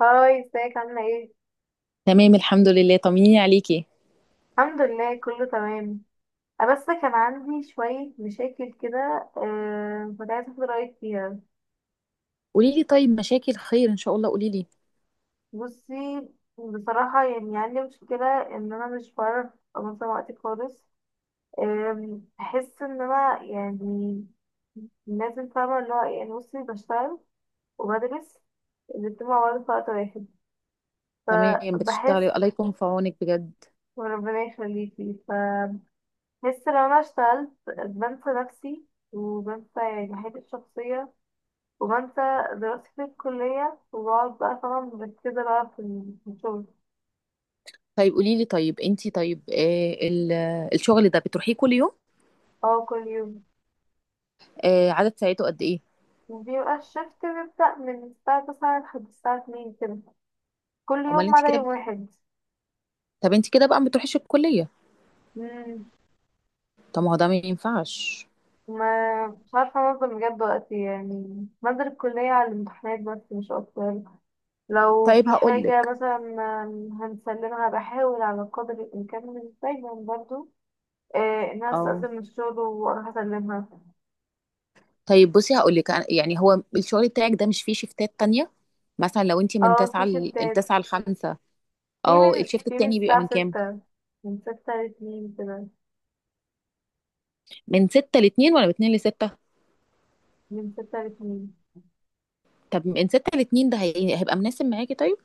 هاي، ازيك عاملة ايه؟ تمام، الحمد لله، طمنيني عليكي. الحمد لله كله تمام. أه، بس كان عندي شوية مشاكل كده. أه، كنت عايزة اخد رأيك فيها. قولي لي، طيب مشاكل خير ان شاء الله، قولي لي. بصي. بصراحة يعني عندي مشكلة ان انا مش بعرف انظم وقتي خالص. بحس ان انا يعني لازم فاهمة اللي هو إيه، يعني بصي بشتغل وبدرس الاتنين مع بعض في وقت واحد تمام فبحس. بتشتغلي، الله يكون في عونك بجد. وربنا يخليكي. بس لو انا اشتغلت بنسى نفسي، وبنسى يعني حياتي الشخصية، وبنسى دراستي في الكلية، وبقعد بقى طبعا مركزة بقى في الشغل. طيب قولي لي، طيب انتي، طيب الشغل ده بتروحيه كل يوم؟ اه، كل يوم. آه، عدد ساعته قد ايه؟ وبيبقى الشفت بيبدأ من الساعة 9 لحد الساعة 2 كده، كل امال يوم ما انتي عدا كده، يوم واحد. طب انتي كده بقى ما بتروحيش الكلية؟ مم. طب ما هو ده ما ينفعش. ما مش عارفة أنظم بجد وقتي، يعني بنزل الكلية على الامتحانات بس مش أكتر. لو طيب في هقول حاجة لك. مثلا هنسلمها، بحاول على قدر الإمكان مش دايما برضه. إنها اه، تستأذن من الشغل وأروح أسلمها. طيب بصي هقول لك، يعني هو الشغل بتاعك ده مش فيه شيفتات تانية؟ مثلا لو انتي من اه، في 9 ل شفتات. 5. في او من الشيفت في من التاني بيبقى الساعة من كام؟ 6. من ستة لاتنين كده. من 6 ل 2 ولا من 2 ل 6؟ من ستة لاتنين. طب ان ستة لاتنين ده هيبقى مناسب معاكي طيب.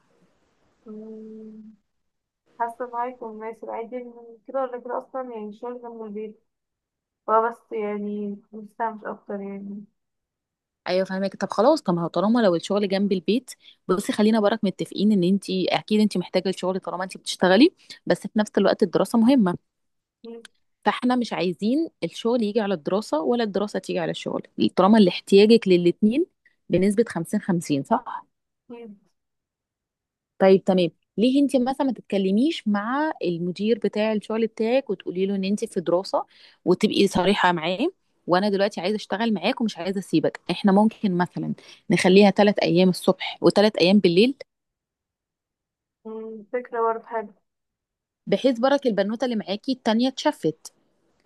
مم، حاسة إن هو هيكون مناسب عادي، إن كده ولا كده أصلا، يعني الشغل جنب البيت. هو بس يعني مستمتع مش أكتر يعني. ايوه فاهمك. طب خلاص، طب ما هو طالما لو الشغل جنب البيت. بصي خلينا برك متفقين ان انت اكيد انت محتاجه الشغل طالما انت بتشتغلي، بس في نفس الوقت الدراسه مهمه. في. فاحنا مش عايزين الشغل يجي على الدراسه ولا الدراسه تيجي على الشغل. طالما اللي احتياجك للاتنين بنسبه 50 50، صح؟ في. طيب تمام. ليه انت مثلا ما تتكلميش مع المدير بتاع الشغل بتاعك وتقولي له ان انت في دراسة، وتبقي صريحة معاه، وانا دلوقتي عايزه اشتغل معاك ومش عايزه اسيبك. احنا ممكن مثلا نخليها ثلاث ايام الصبح وثلاث ايام بالليل. فكرة برضه حلوة. بحيث برك البنوته اللي معاكي التانية اتشفت،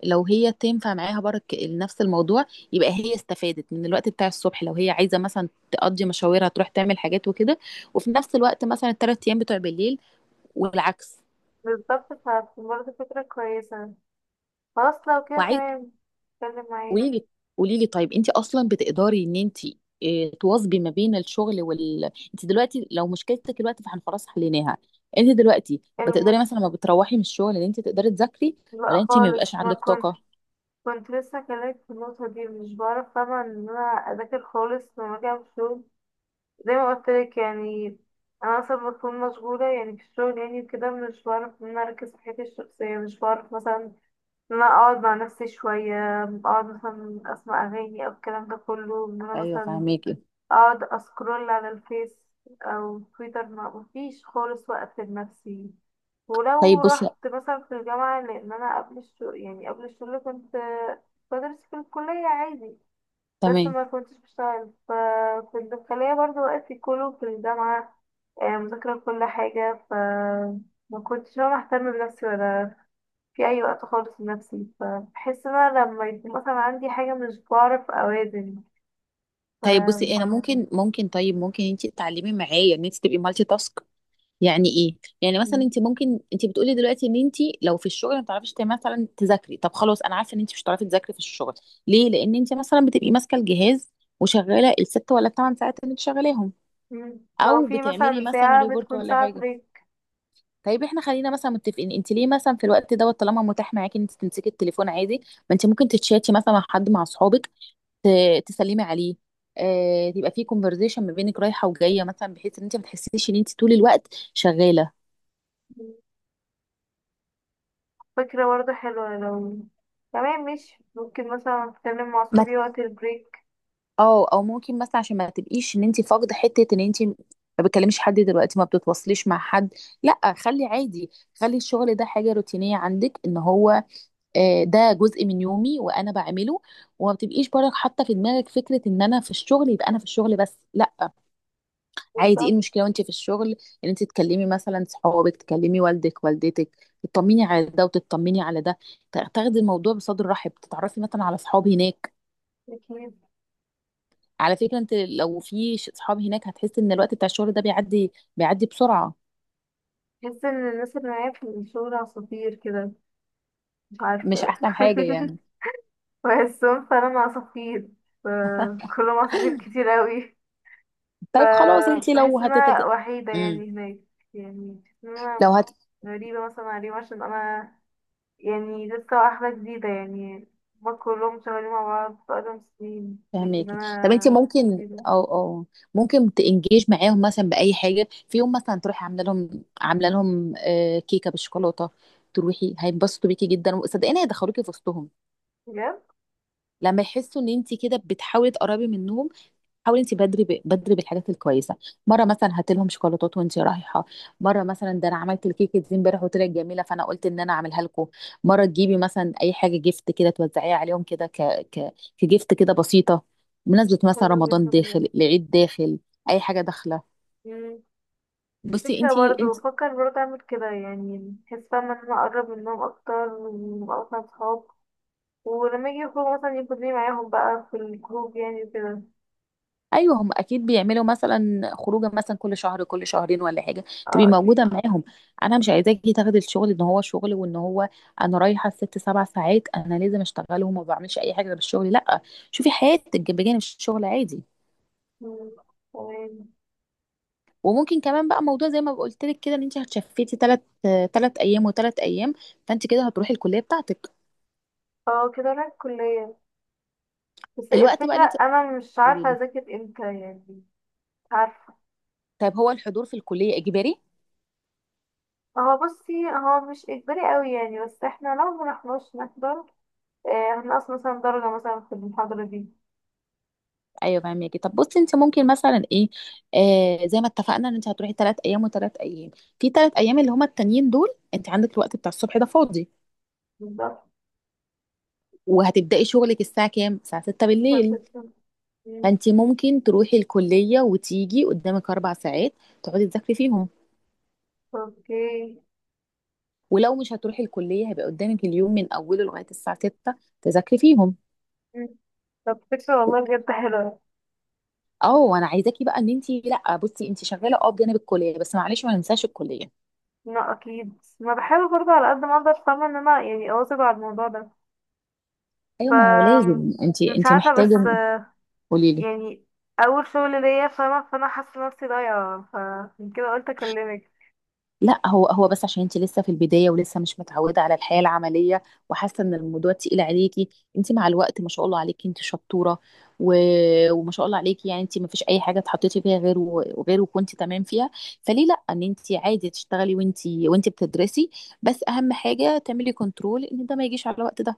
لو هي تنفع معاها برك نفس الموضوع، يبقى هي استفادت من الوقت بتاع الصبح، لو هي عايزه مثلا تقضي مشاورها تروح تعمل حاجات وكده، وفي نفس الوقت مثلا الثلاث ايام بتوع بالليل، والعكس. بالظبط، فهتكون برضه فكرة كويسة. خلاص، لو كده وعايز. تمام. اتكلم معايا. قولي لي. قولي لي طيب، انت اصلا بتقدري ان انت اه، تواظبي ما بين الشغل وال، انت دلوقتي لو مشكلتك دلوقتي فاحنا خلاص حليناها. انت دلوقتي بتقدري مثلا المش... لما بتروحي من الشغل ان انت تقدري تذاكري، لا ولا انت ما خالص، بيبقاش ما عندك كنت. طاقة؟ كنت لسه كلمت في النقطة دي، مش بعرف طبعا ان انا اذاكر خالص لما اجي اعمل شغل، زي ما قلت لك يعني. انا اصلا بكون مشغولة يعني في الشغل، يعني كده مش بعرف ان انا اركز في حياتي الشخصية، مش بعرف مثلا ان انا اقعد مع نفسي شوية، اقعد مثلا اسمع اغاني او الكلام ده كله، ان انا ايوه مثلا فهميكي. اقعد اسكرول على الفيس او تويتر. ما مفيش خالص وقت لنفسي. ولو طيب بصي. رحت مثلا في الجامعة، لان انا قبل الشغل، يعني قبل الشغل كنت بدرس في الكلية عادي، بس تمام. ما كنتش بشتغل، ففي الداخلية برضو وقتي كله في الجامعة. مذاكرة كل حاجة. ما كنتش انا اهتم بنفسي ولا في اي وقت خالص لنفسي، فبحس ان انا لما يكون مثلا عندي حاجة مش بعرف اوازن. طيب بصي انا ممكن، ممكن انت تتعلمي معايا ان انت تبقي مالتي تاسك. يعني ايه؟ يعني ف مثلا انت ممكن، انت بتقولي دلوقتي ان انت، لو في الشغل ما بتعرفيش مثلا تذاكري. طب خلاص، انا عارفه ان انت مش هتعرفي تذاكري في الشغل، ليه؟ لان انت مثلا بتبقي ماسكه الجهاز، وشغاله الست ولا الثمان ساعات اللي انت شغالاهم، مم. لو او في بتعملي مثلا مثلا ساعة ريبورت بتكون ولا ساعة حاجه. بريك. طيب احنا خلينا مثلا متفقين، انت ليه مثلا في الوقت دوت طالما متاح معاكي ان انت تمسكي التليفون عادي، ما انت ممكن تتشاتي مثلا مع حد، مع اصحابك، تسلمي عليه، آه، تبقى في كونفرزيشن ما بينك رايحه وجايه، مثلا بحيث ان انت ما تحسيش ان انت طول الوقت شغاله. فكرة برضه حلوة، لو تمام ماشي، ممكن مثلا أتكلم مع ما صحابي وقت البريك. اه، او ممكن مثلا عشان ما تبقيش ان انت فاقده حته ان انت ما بتكلميش حد دلوقتي ما بتتواصليش مع حد. لا خلي عادي، خلي الشغل ده حاجه روتينيه عندك ان هو، آه، ده جزء من يومي وانا بعمله. وما بتبقيش برك حاطه في دماغك فكره ان انا في الشغل يبقى انا في الشغل بس، لا. عادي، ايه بالظبط. المشكله وانت في الشغل ان انت تكلمي مثلا صحابك، تكلمي والدك، والدتك، تطمني على ده وتطمني على ده، تاخدي الموضوع بصدر رحب، تتعرفي مثلا على صحاب هناك. أكيد. على فكرة انت لو في صحاب هناك هتحس ان الوقت بتاع الشغل ده بيعدي بيعدي بسرعة. بحس إن الناس اللي معايا في الشغل عصافير كده، مش مش عارفة. احسن حاجة يعني؟ بحسهم فعلا عصافير. ف- كلهم عصافير كتير أوي. طيب خلاص انت لو فبحس إن أنا وحيدة مم. يعني هناك. يعني بحس إن أنا لو غريبة مثلا عليهم، عشان أنا يعني لسه واحدة جديدة يعني. هما كلهم شغالين مع بعض بقالهم سنين، لكن هتفهميكي. طب انت أنا ممكن، جديدة. او او ممكن تنجيج معاهم مثلا بأي حاجة، في يوم مثلا تروحي عاملة لهم، عاملة لهم آه، كيكة بالشوكولاتة، تروحي هينبسطوا بيكي جدا، وصدقيني هيدخلوكي في وسطهم بجد؟ لما يحسوا ان انت كده بتحاولي تقربي منهم. حاولي انت بدري، بدري بالحاجات الكويسه. مره مثلا هاتي لهم شوكولاتات وانت رايحه، مره مثلا ده انا عملت الكيكه دي امبارح وطلعت جميله فانا قلت ان انا اعملها لكم، مره تجيبي مثلا اي حاجه جيفت كده توزعيها عليهم كده، كجيفت كده بسيطه، بمناسبه مثلا حلو رمضان جدا بجد. داخل، العيد داخل، اي حاجه داخله. مم. بصي. فكرة برضه، انت، بفكر برضه أعمل كده، يعني بحس فاهمة إن أنا أقرب منهم أكتر، ونبقى مثلا صحاب. ولما يجي يخرجوا مثلا ياخدوني معاهم بقى في الجروب، يعني كده. ايوه هم اكيد بيعملوا مثلا خروجه، مثلا كل شهر كل شهرين ولا حاجه، تبقي اه، موجوده أكيد. معاهم. انا مش عايزاكي تاخدي الشغل ان هو شغل وان هو، انا رايحه ست سبع ساعات انا لازم اشتغلهم وما بعملش اي حاجه غير الشغل، لا. شوفي حياتك بجانب الشغل عادي. مم. تمام. وممكن كمان بقى موضوع زي ما قلت لك كده، ان انت هتشفتي ثلاث ايام وثلاث ايام، فانت كده هتروحي الكليه بتاعتك. اه، كده أنا الكلية، بس الوقت بقى اللي الفكرة انت. أنا مش قولي عارفة لي. أذاكر امتى يعني. مش عارفة. طيب هو الحضور في الكليه اجباري؟ هو بصي هو مش اجباري قوي يعني، بس احنا لو مرحناش نحضر هنقص مثلا درجة مثلا في المحاضرة دي. ايوه فاهمكي. طب بصي، انت ممكن مثلا ايه، آه زي ما اتفقنا ان انت هتروحي ثلاث ايام وثلاث ايام، في ثلاث ايام اللي هما التانيين دول، انت عندك الوقت بتاع الصبح ده فاضي، بالظبط. وهتبداي شغلك الساعه كام؟ الساعه 6 بالليل. فستة. مم. فانت ممكن تروحي الكليه وتيجي قدامك اربع ساعات تقعدي تذاكري فيهم. اوكي. ولو مش هتروحي الكليه هيبقى قدامك اليوم من اوله لغايه الساعه 6، تذاكري فيهم. مم. طب فكرة والله بجد حلوة. اه وانا عايزاكي بقى ان انت، لا بصي، انت شغاله اه بجانب الكليه، بس معلش ما ننساش الكليه. لا أكيد، ما بحاول برضه على قد ما أقدر، فاهمة إن أنا يعني أواظب على الموضوع ده. ايوه ما هو ف لازم، انت، مش انت عارفة بس محتاجه. قولي لي. يعني أول شغل ليا، فاهمة، فأنا حاسة نفسي ضايعة، فمن كده قلت أكلمك. لا هو، هو بس عشان انت لسه في البدايه، ولسه مش متعوده على الحياه العمليه، وحاسه ان الموضوع تقيل عليكي. انت مع الوقت ما شاء الله عليكي انت شطوره، و... وما شاء الله عليكي، يعني انت ما فيش اي حاجه اتحطيتي فيها غير وكنت تمام فيها. فليه لا ان انت عادي تشتغلي وانت، وانت بتدرسي، بس اهم حاجه تعملي كنترول ان ده ما يجيش على الوقت ده.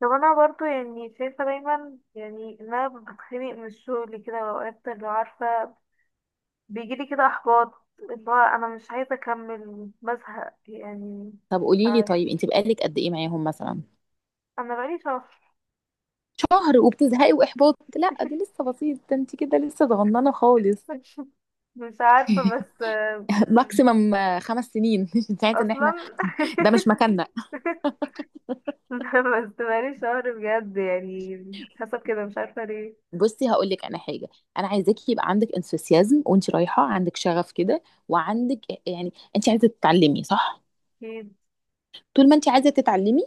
طب انا برضو يعني شايفة دايما، يعني ان انا بتخنق من الشغل كده، واوقات اللي عارفة بيجيلي كده احباط، اللي هو انا مش عايزة اكمل، بزهق يعني. طب مش قولي لي، عارفة. طيب انت بقالك قد ايه معاهم مثلا؟ انا بقالي شهر. شهر وبتزهقي واحباط؟ لا ده لسه بسيط، ده انت كده لسه صغننه خالص. مش عارفة بس ماكسيمم خمس سنين انت عايزه ان احنا، اصلا. ده مش مكاننا. بس بقالي شهر بجد يعني، حسب كده مش عارفة ليه. بصي هقول لك انا حاجه، انا عايزاكي يبقى عندك انثوسيازم وانت رايحه، عندك شغف كده، وعندك، يعني انت عايزه تتعلمي، صح؟ اكيد. طول ما انت عايزه تتعلمي،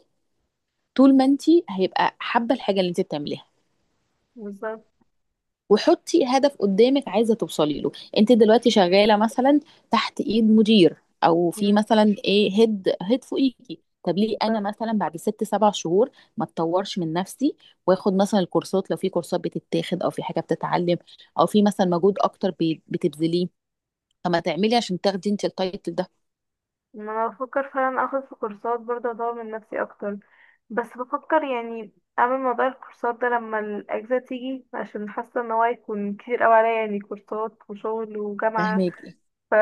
طول ما انت، هيبقى حابه الحاجه اللي انت بتعمليها. بالظبط. وحطي هدف قدامك عايزه توصلي له. انت دلوقتي شغاله مثلا تحت ايد مدير، او في مم، مثلا ايه هيد، فوقيكي. طب ليه انا بالظبط. مثلا بعد ست سبع شهور ما اتطورش من نفسي، واخد مثلا الكورسات لو في كورسات بتتاخد او في حاجه بتتعلم، او في مثلا مجهود اكتر بتبذليه. طب ما تعملي عشان تاخدي انت التايتل ده. ما انا بفكر فعلا اخد في كورسات برضه، اطور من نفسي اكتر، بس بفكر يعني اعمل موضوع الكورسات ده لما الاجازه تيجي، عشان حاسه ان هو هيكون كتير اوي عليا، يعني كورسات وشغل وجامعه. فاهمك. ف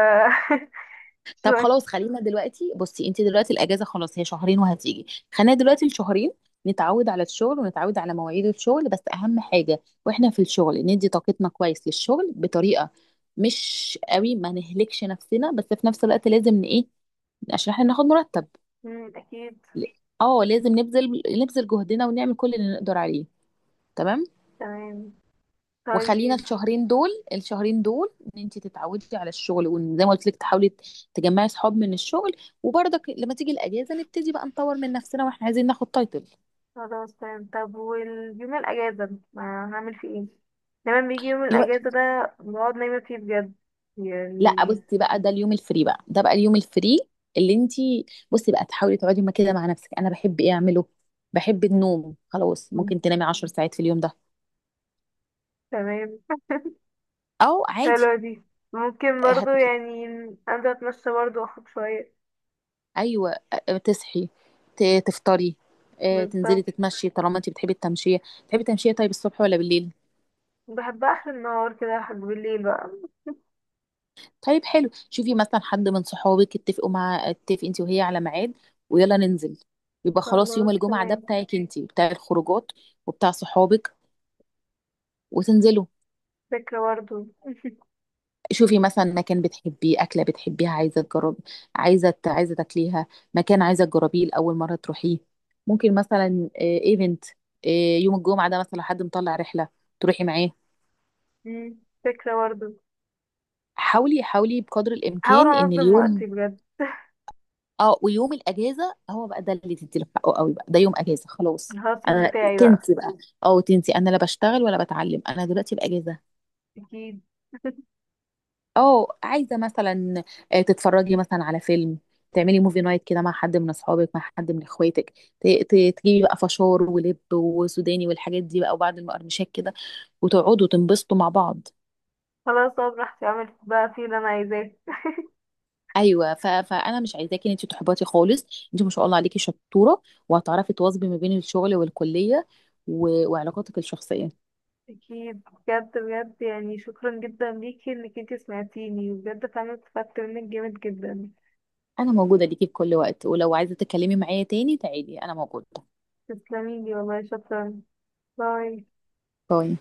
طب شوية. خلاص خلينا دلوقتي، بصي انت دلوقتي الاجازه خلاص هي شهرين وهتيجي، خلينا دلوقتي الشهرين نتعود على الشغل، ونتعود على مواعيد الشغل. بس اهم حاجه واحنا في الشغل ندي طاقتنا كويس للشغل بطريقه مش قوي، ما نهلكش نفسنا، بس في نفس الوقت لازم ايه، عشان احنا ناخد مرتب، اكيد. ل- اه لازم نبذل، نبذل جهدنا، ونعمل كل اللي نقدر عليه. تمام. تمام. وخلينا طيب. الشهرين دول، الشهرين دول، ان انت تتعودي على الشغل، وزي ما قلت لك تحاولي تجمعي صحاب من الشغل. وبرضك لما تيجي الاجازه نبتدي بقى نطور من نفسنا، واحنا عايزين ناخد تايتل. خلاص تمام. طب واليوم الاجازه، ما هعمل فيه ايه؟ دايما بيجي يوم الو- الاجازه ده بقعد نايمه فيه بجد لا يعني. بصي بقى، ده اليوم الفري بقى، ده بقى اليوم الفري اللي انت، بصي بقى تحاولي تقعدي ما كده مع نفسك، انا بحب ايه اعمله؟ بحب النوم خلاص، مم، ممكن تنامي 10 ساعات في اليوم ده، تمام. او عادي. حلوة دي. ممكن برضو هت... يعني أنزل أتمشى برضو، وأخد شوية. ايوه، تصحي، تفطري، آه، تنزلي بالظبط. تتمشي طالما انت بتحبي التمشيه. بتحبي التمشيه طيب الصبح ولا بالليل؟ بحبها آخر النهار كده لحد بالليل بقى. طيب حلو، شوفي مثلا حد من صحابك، اتفق انت وهي على ميعاد، ويلا ننزل. يبقى خلاص يوم خلاص الجمعة ده تمام. بتاعك انت، بتاع الخروجات وبتاع صحابك، وتنزلوا. فكرة برضو. شوفي مثلا مكان بتحبيه، أكلة بتحبيها عايزة تجرب، عايزة عايزة تاكليها، مكان عايزة تجربيه لأول مرة تروحيه. ممكن مثلا ايفنت يوم الجمعة ده، مثلا حد مطلع رحلة تروحي معاه. مم. فكرة برضو. حاولي، حاولي بقدر هحاول الإمكان إن أنظم وقتي اليوم، بجد. اه ويوم الاجازه هو بقى ده اللي تدي له حقه قوي، بقى ده يوم اجازه خلاص. الهاوسين انا، بتاعي بقى. تنسي بقى، اه تنسي انا لا بشتغل ولا بتعلم، انا دلوقتي باجازه. أكيد. اه عايزه مثلا، آه، تتفرجي مثلا على فيلم، تعملي موفي نايت كده مع حد من اصحابك، مع حد من اخواتك، تجيبي بقى فشار ولب وسوداني والحاجات دي بقى، وبعد المقرمشات كده، وتقعدوا تنبسطوا مع بعض. خلاص أقعد براحتي، أعمل بقى فيه اللي أنا عايزاه. ايوه فانا مش عايزاكي ان انت تحبطي خالص. انت ما شاء الله عليكي شطوره، وهتعرفي تواظبي ما بين الشغل والكليه، وعلاقاتك الشخصيه. أكيد. بجد بجد يعني، شكرا جدا ليكي إنك انتي سمعتيني، وبجد فعلا استفدت منك جامد جدا. انا موجوده ليكي في كل وقت، ولو عايزه تتكلمي معايا تاني تعالي، انا موجوده. تسلميلي والله، شكرا. باي. باي.